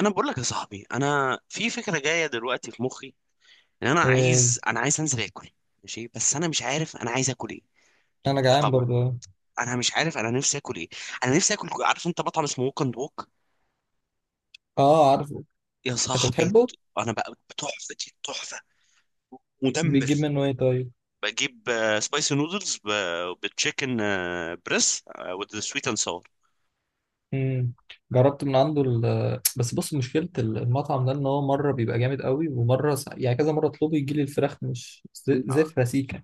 انا بقول لك يا صاحبي، انا في فكره جايه دلوقتي في مخي ان انا ايه؟ عايز انا عايز انزل اكل. ماشي، بس انا مش عارف انا عايز اكل ايه. انا جعان طبعا. برضه. انا مش عارف انا نفسي اكل ايه. انا نفسي اكل، عارف انت مطعم اسمه ووك اند ووك، اه، عارفه. يا انت صاحبي؟ بتحبه؟ انا بقى تحفه، دي تحفه. مدمر. بتجيب منه ايه طيب؟ بجيب سبايسي نودلز بالتشيكن بريس وذ سويت اند ساور. امم جربت من عنده ال... آه، بس بص، مشكله المطعم ده ان هو مره بيبقى جامد قوي ومره يعني كذا مره اطلبه يجي لي الفراخ مش زفره سيكه.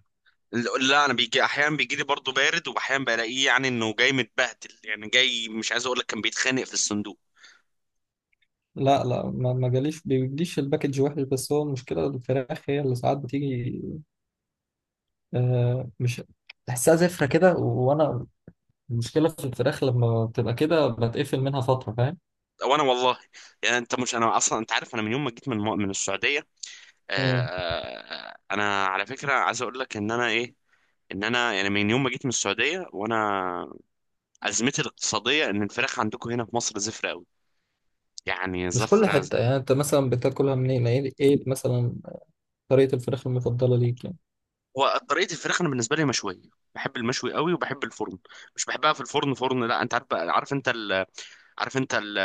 لا انا بيجي احيانا، بيجي لي برضه بارد، واحيانا بلاقيه يعني انه جاي متبهدل، يعني جاي مش عايز اقول لك كان بيتخانق في الصندوق. لا لا، ما جاليش، بيجيش الباكج وحش، بس هو المشكله الفراخ هي اللي ساعات بتيجي مش تحسها زفره كده وانا المشكله في الفراخ لما بتبقى كده بتقفل منها فتره، فاهم؟ وانا والله، يعني انت مش، انا اصلا انت عارف انا من يوم ما جيت من السعوديه. آه، مم. انا على فكره عايز اقول لك ان انا ايه، ان انا يعني من يوم ما جيت من السعوديه، وانا ازمتي الاقتصاديه ان الفراخ عندكم هنا في مصر زفره قوي، يعني مش كل زفره. حتة يعني. انت مثلا بتاكلها منين؟ ايه إيه مثلا طريقة الفراخ المفضلة ليك يعني؟ هو طريقه الفراخ انا بالنسبه لي مشويه. بحب المشوي قوي وبحب الفرن. مش بحبها في الفرن، فرن. لا انت عارف بقى- عارف انت ال... عارف انت ال...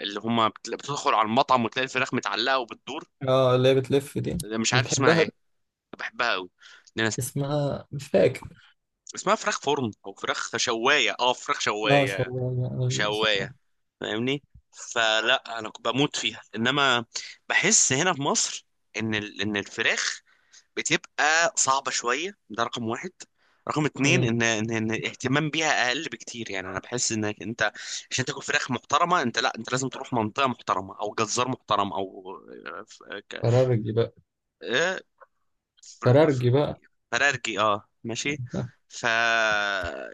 اللي هما بت- بتدخل على المطعم وتلاقي الفراخ متعلقه وبتدور. اه، اللي هي بتلف دي؟ مش عارف اسمها بتحبها دي؟ ايه. بحبها قوي. اسمها مش فاكر. اسمها فراخ فرن او فراخ شوايه، اه فراخ اه، شوايه. شوايه، ايوه صح. شوايه. فاهمني؟ فلا، انا بموت فيها، انما بحس هنا في مصر ان ان الفراخ بتبقى صعبه شويه، ده رقم واحد. رقم اتنين امم ان الاهتمام بيها اقل بكتير. يعني انا بحس انك انت عشان تاكل فراخ محترمه انت، لا انت لازم تروح منطقه محترمه او جزار محترم او فرارجي بقى. آه، فر- فرارجي بقى. فرارجي، اه ماشي. آه. ف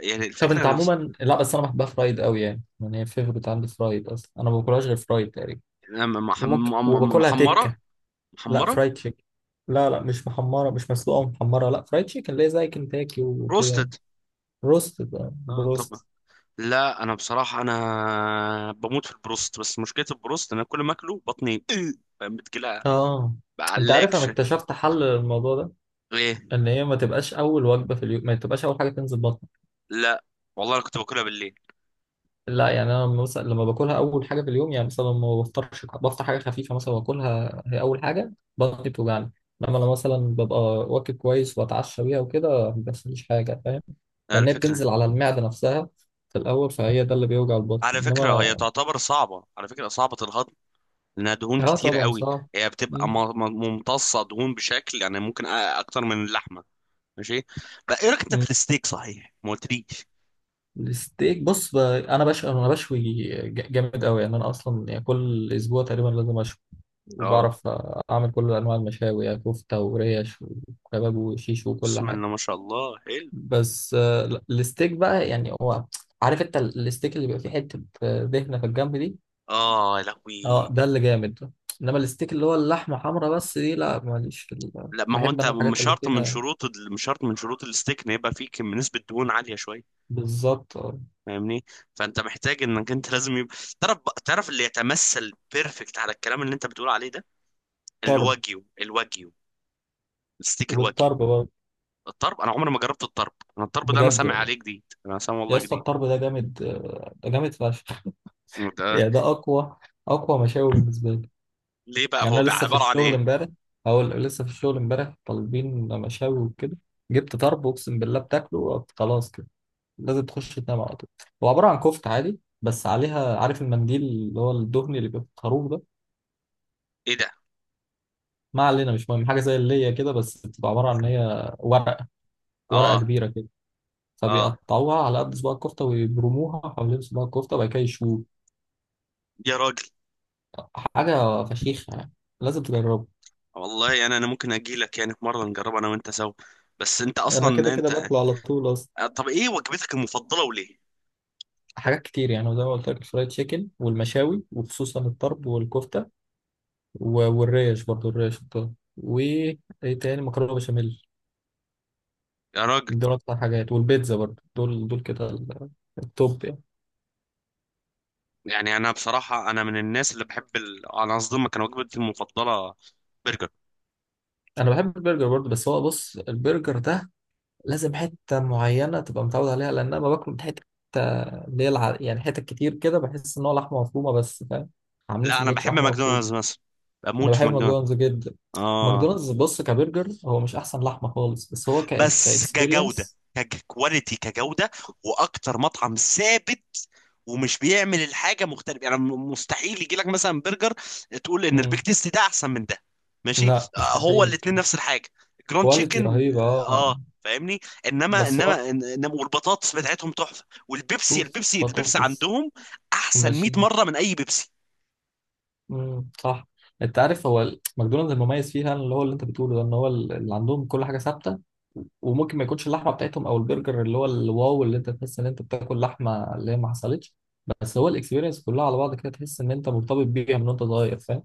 يعني طب الفكره. انت عموما، لا بس انا بحبها فرايد قوي يعني، يعني هي فيفورت عندي، فرايد اصلا انا ما باكلهاش غير فرايد تقريبا. وممكن وباكلها محمرة. تكه. لا، محمرة. فرايد تشيكن. لا لا، مش محمره، مش مسلوقه ومحمره، لا فرايد تشيكن اللي هي زي كنتاكي وكده. بروستد. روست بقى، آه طبعا. بروست. لا انا بصراحة انا بموت في البروست، بس مشكلة البروست إن انا كل ما اكله بطني بتجيلها. اه، انت عارف انا بعلاقش. اكتشفت حل للموضوع ده؟ ليه؟ ان هي ما تبقاش اول وجبه في اليوم، ما تبقاش اول حاجه تنزل بطنك. لا والله انا كنت باكلها بالليل. لا يعني، انا مثلا لما باكلها اول حاجه في اليوم، يعني مثلا ما بفطرش، بفطر حاجه خفيفه مثلا واكلها هي اول حاجه، بطني بتوجعني. انما انا مثلا ببقى واكل كويس واتعشى بيها وكده، ما بيحصليش حاجه، فاهم؟ لان هي الفكرة. بتنزل على المعده نفسها في الاول، فهي ده اللي بيوجع البطن. على فكرة هي انما تعتبر صعبة، على فكرة صعبة الهضم، لأنها دهون اه، كتير طبعا قوي. صعب. هي بتبقى مم. ممتصة دهون بشكل يعني ممكن أكتر من اللحمة. ماشي. بقى إيه رأيك أنت في الستيك؟ صحيح ما قلتليش. الستيك بص انا بشوي، انا بشوي جامد قوي يعني، انا اصلا يعني كل اسبوع تقريبا لازم اشوي. اه. وبعرف اعمل كل انواع المشاوي، يعني كفته وريش وكباب وشيش وكل بسم حاجه. الله ما شاء الله، حلو. بس لا، الستيك بقى يعني هو، عارف انت الستيك اللي بيبقى فيه حته دهنه في الجنب دي؟ اه يا لهوي. اه، ده اللي جامد. انما الستيك اللي هو اللحمه حمرا بس دي لا، ماليش في ال... لا ما هو بحب انت انا مش الحاجات اللي شرط من فيها. شروط مش شرط من شروط الستيك ان يبقى فيه نسبة دهون عالية شوية. بالظبط آه، فاهمني؟ فانت محتاج انك انت لازم يبقى، تعرف تعرف اللي يتمثل بيرفكت على الكلام اللي انت بتقول عليه ده، طرب. الواجيو. الواجيو. الستيك الواجيو. والطرب برضه. الطرب انا عمري ما جربت الطرب. انا الطرب ده انا بجد، سامع عليه جديد، انا سامع يا والله اسطى جديد. الطرب ده جامد آه، ده جامد فشخ. ده يعني ده اقوى، اقوى مشاوي بالنسبه لي. ليه بقى؟ يعني هو انا بقى لسه في عبارة عن الشغل ايه؟ امبارح، هقول لسه في الشغل امبارح طالبين مشاوي وكده، جبت طرب اقسم بالله بتاكله خلاص كده لازم تخش تنام على طول. هو عباره عن كفته عادي بس عليها، عارف المنديل اللي هو الدهني اللي بيبقى في الخروف ده؟ ايه ده؟ ما علينا، مش مهم، حاجه زي اللي هي كده، بس بتبقى عباره عن ان هي ورقه، ورقه اه. كبيره كده، اه فبيقطعوها على قد صباع الكفته ويبرموها حوالين صباع الكفته وبعد كده يشوها. يا راجل. حاجة فشيخة يعني، لازم تجربه. والله انا، ممكن اجي لك يعني في مرة نجرب انا وانت سوا. بس انت أنا كده اصلا كده انت. باكله على طول أصلا. طب ايه وجبتك المفضله وليه؟ حاجات كتير يعني، وزي ما قلت لك الفرايد تشيكن والمشاوي وخصوصا الطرب والكفتة والريش برضو، الريش الطرب وإيه تاني، مكرونة بشاميل. يا راجل. دول أكتر حاجات، والبيتزا برضو، دول دول كده التوب يعني. يعني انا بصراحه انا من الناس اللي بحب ال... انا اصدمك، كان وجبتي المفضله برجر. أنا بحب البرجر برضو، بس هو بص البرجر ده لازم حتة معينة تبقى متعود عليها، لأن أنا ما باكله من حتة اللي هي يعني حتت كتير كده بحس إن هو لحمة مفرومة بس، فاهم؟ عاملين لا انا سندوتش بحب لحمة مفرومة. ماكدونالدز مثلا. انا بموت في بحب ماكدونالدز. ماكدونالدز جدا. اه. ماكدونالدز بص كبرجر هو مش احسن لحمه خالص، بس هو ك، بس كجودة، كاكسبيرينس. ككواليتي، كجودة، واكتر مطعم ثابت ومش بيعمل الحاجة مختلفة. يعني مستحيل يجي لك مثلا برجر تقول ان البيك تيست ده احسن من ده. ماشي، لا هو مستحيل، الاتنين نفس الحاجة. جراند كواليتي تشيكن. رهيبه اه، اه. فاهمني؟ انما بس هو، انما انما والبطاطس بتاعتهم تحفة، والبيبسي، اوف، البيبسي بطاطس عندهم احسن 100 الماشين. مرة من اي بيبسي. مم، صح. انت عارف هو ماكدونالدز المميز فيها اللي هو اللي انت بتقوله ده، ان هو اللي عندهم كل حاجه ثابته. وممكن ما يكونش اللحمه بتاعتهم او البرجر اللي هو الواو اللي انت تحس ان انت بتاكل لحمه، اللي هي ما حصلتش، بس هو الاكسبيرينس كلها على بعض كده تحس ان انت مرتبط بيها من وانت صغير، فاهم؟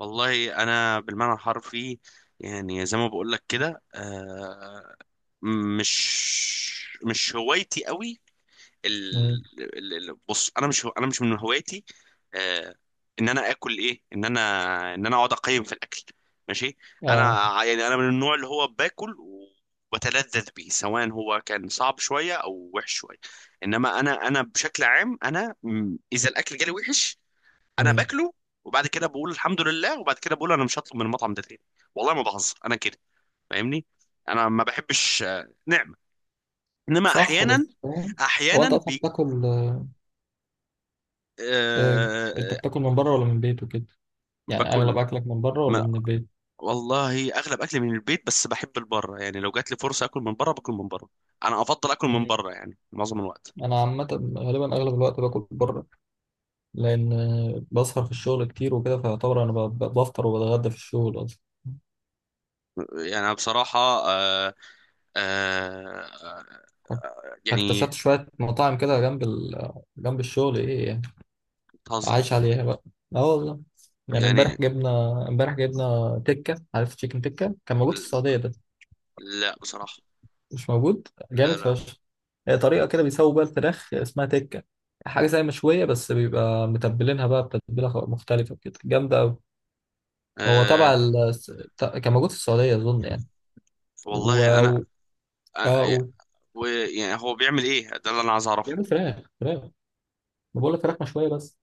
والله انا بالمعنى الحرفي، يعني زي ما بقول لك كده، مش هوايتي قوي مم. ال... بص انا مش من هوايتي آه، ان انا اكل ايه، ان انا اقعد اقيم في الاكل. ماشي. انا اه. يعني انا من النوع اللي هو باكل وبتلذذ بيه سواء هو كان صعب شويه او وحش شويه. انما انا بشكل عام انا، اذا الاكل جالي وحش انا مم. باكله، وبعد كده بقول الحمد لله، وبعد كده بقول انا مش هطلب من المطعم ده تاني. والله ما بهزر انا كده. فاهمني؟ انا ما بحبش نعمه. انما صح احيانا، بس فاهم. هو احيانا انت اصلا بيج... بتاكل آه، آه... انت آه، بتاكل من بره ولا من البيت وكده؟ يعني اغلب باكل. اكلك من بره ولا ما من البيت؟ والله اغلب اكلي من البيت، بس بحب البره. يعني لو جات لي فرصه اكل من بره باكل من بره. انا افضل اكل من مم. بره يعني معظم الوقت. انا عامه غالبا اغلب الوقت باكل بره، لان آه، بسهر في الشغل كتير وكده، فيعتبر انا بفطر وبتغدى في الشغل اصلا. يعني أنا بصراحه آه... يعني اكتشفت شويه مطاعم كده جنب ال... جنب الشغل ايه يعني، بتهزر. عايش عليها بقى. اه والله. يعني يعني امبارح جبنا، امبارح جبنا تكه. عارف تشيكن تكه كان موجود في السعوديه ده؟ لا بصراحه. مش موجود لا جامد لا، فشخ. هي طريقة كده بيسووا بيها الفراخ اسمها تكة، حاجة زي مشوية بس بيبقى متبلينها بقى بتتبيلة مختلفة كده، جامدة أوي. هو آه، تبع ال... كان موجود في السعودية أظن يعني. و... والله انا و... اه آه، و... يعني هو بيعمل ايه ده اللي انا عايز اعرفه؟ بيعمل فراخ، فراخ، ما بقول لك فراخ مشوية بس.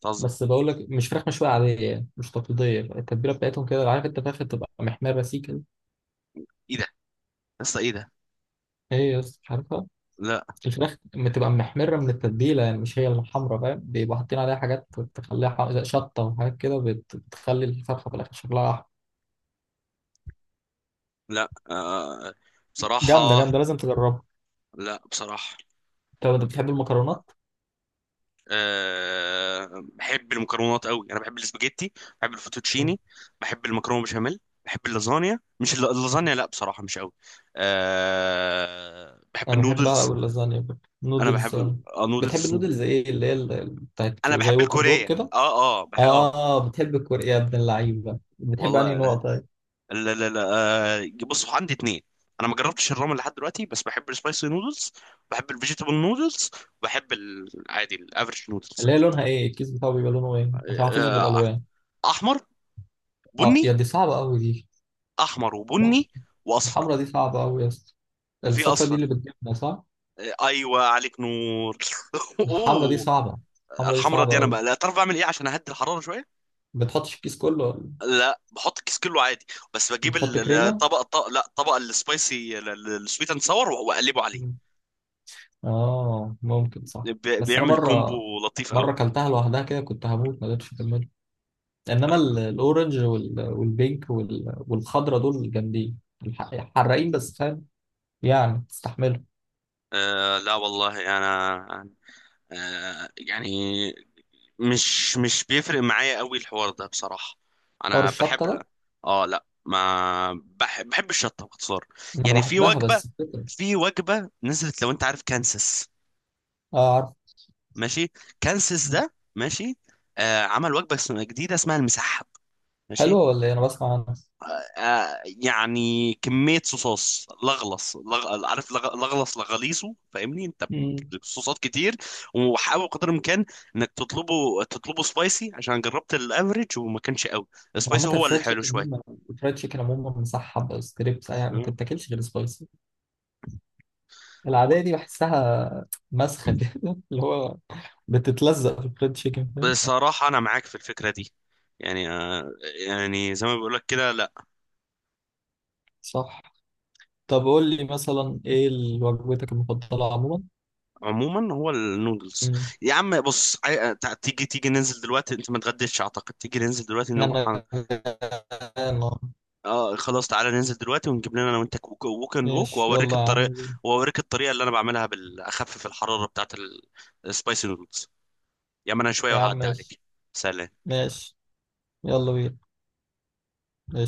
بتهزر. بس بقول لك مش فراخ مشوية عادية يعني، مش تقليدية، التتبيلة بتاعتهم كده، عارف انت فراخ بتبقى محمرة سيكا؟ ايه ده يا اسطى؟ ايه ده؟ هي يس، مش عارفها. لا. الفراخ بتبقى محمرة من التتبيلة، يعني مش هي الحمرا، فاهم؟ بيبقوا حاطين عليها حاجات تخليها زي شطة وحاجات كده، بتخلي الفرخة في الآخر شكلها أحمر. لا آه، جامدة بصراحة. جامدة، لازم تجربها. لا بصراحة. طب أنت بتحب المكرونات؟ آه بحب المكرونات قوي. انا بحب الاسباجيتي، بحب مم. الفوتوتشيني، بحب المكرونة بشاميل، بحب اللازانيا، مش اللازانيا لا بصراحة مش قوي. آه بحب أنا بحبها النودلز. أوي اللازانيا برضه. انا نودلز بحب آه. اه بتحب نودلز. النودلز إيه، اللي هي بتاعت انا زي بحب ووك أند دور الكورية. كده؟ اه اه، اه. آه بتحب الكوري يا ابن اللعيبة، بتحب أنهي والله نوع لا طيب؟ لا لا، بصوا عندي اتنين. انا ما جربتش الرامن لحد دلوقتي، بس بحب السبايسي نودلز، بحب الفيجيتابل نودلز، بحب العادي الافريج نودلز. اللي هي لونها إيه؟ الكيس بتاعه بيبقى لونه إيه؟ عشان حافظه آه، بالألوان. احمر، آه يا بني. دي صعبة أوي دي. احمر وبني واصفر. الحمرا دي صعبة أوي يا اسطى. وفي الصفرا دي اصفر. اللي بتجيبنا صح؟ ايوه عليك نور. الحمرا دي اوه. صعبة، الحمرا دي الحمرة دي صعبة انا أوي. بقى، لا تعرف بعمل ايه عشان اهدي الحراره شويه. بتحطش الكيس كله ولا؟ لا بحط الكيس كله عادي، بس بجيب بتحط كريمة؟ لا، الطبق السبايسي السويت اند ساور واقلبه عليه. مم. آه ممكن صح. بس أنا بيعمل كومبو مرة، لطيف قوي. مرة كلتها لوحدها كده كنت هموت، ما قدرتش أكملها. إنما الأورنج وال... والبينك وال... والخضرا دول جامدين، حراقين بس فاهم، يعني تستحملهم. آه لا والله انا، آه يعني، مش بيفرق معايا قوي الحوار ده بصراحة. حوار انا الشطة بحب، ده. اه لا، ما بحب، بحب الشطة باختصار. أنا يعني في بحبها وجبة، بس الفكرة. في وجبة نزلت، لو انت عارف كانسس. آه عارف. ماشي. كانسس ده ماشي. آه، عمل وجبة اسمها جديدة، اسمها المسحب. ماشي. حلوة ولا إيه؟ أنا بسمع عنها. آه يعني كمية صوصات لغلص عارف لغلص لغليصه، فاهمني انت؟ مم. صوصات كتير. وحاول قدر الامكان انك تطلبه، تطلبه سبايسي، عشان جربت الافريج وما كانش قوي. السبايسي عامة هو اللي الفرايد حلو تشيكن دي شوية. الفرايد تشيكن عموما مصحب ستريبس، يعني ما مم. تتاكلش غير سبايسي. العادية دي بحسها مسخة كده اللي هو بتتلزق في الفرايد تشيكن، فاهم؟ بصراحة أنا معاك في الفكرة دي. يعني يعني زي ما بقولك كده، لا. صح. طب قول لي مثلا ايه وجبتك المفضلة عموما؟ عموما هو النودلز. مم. يا عم بص، تيجي ننزل دلوقتي؟ انت ما اتغديتش اعتقد. تيجي ننزل دلوقتي نروح. انا غرقان. اه خلاص، تعالى ننزل دلوقتي ونجيب لنا انا وانت ووك اند ووك، ماشي، واوريك يلا يا عم الطريقه، بينا. واوريك الطريقه اللي انا بعملها بالاخفف الحراره بتاعت السبايسي نودلز. يا ما انا شويه يا عم وهعدي ماشي. عليك. سلام. ماشي يلا بينا. ماشي.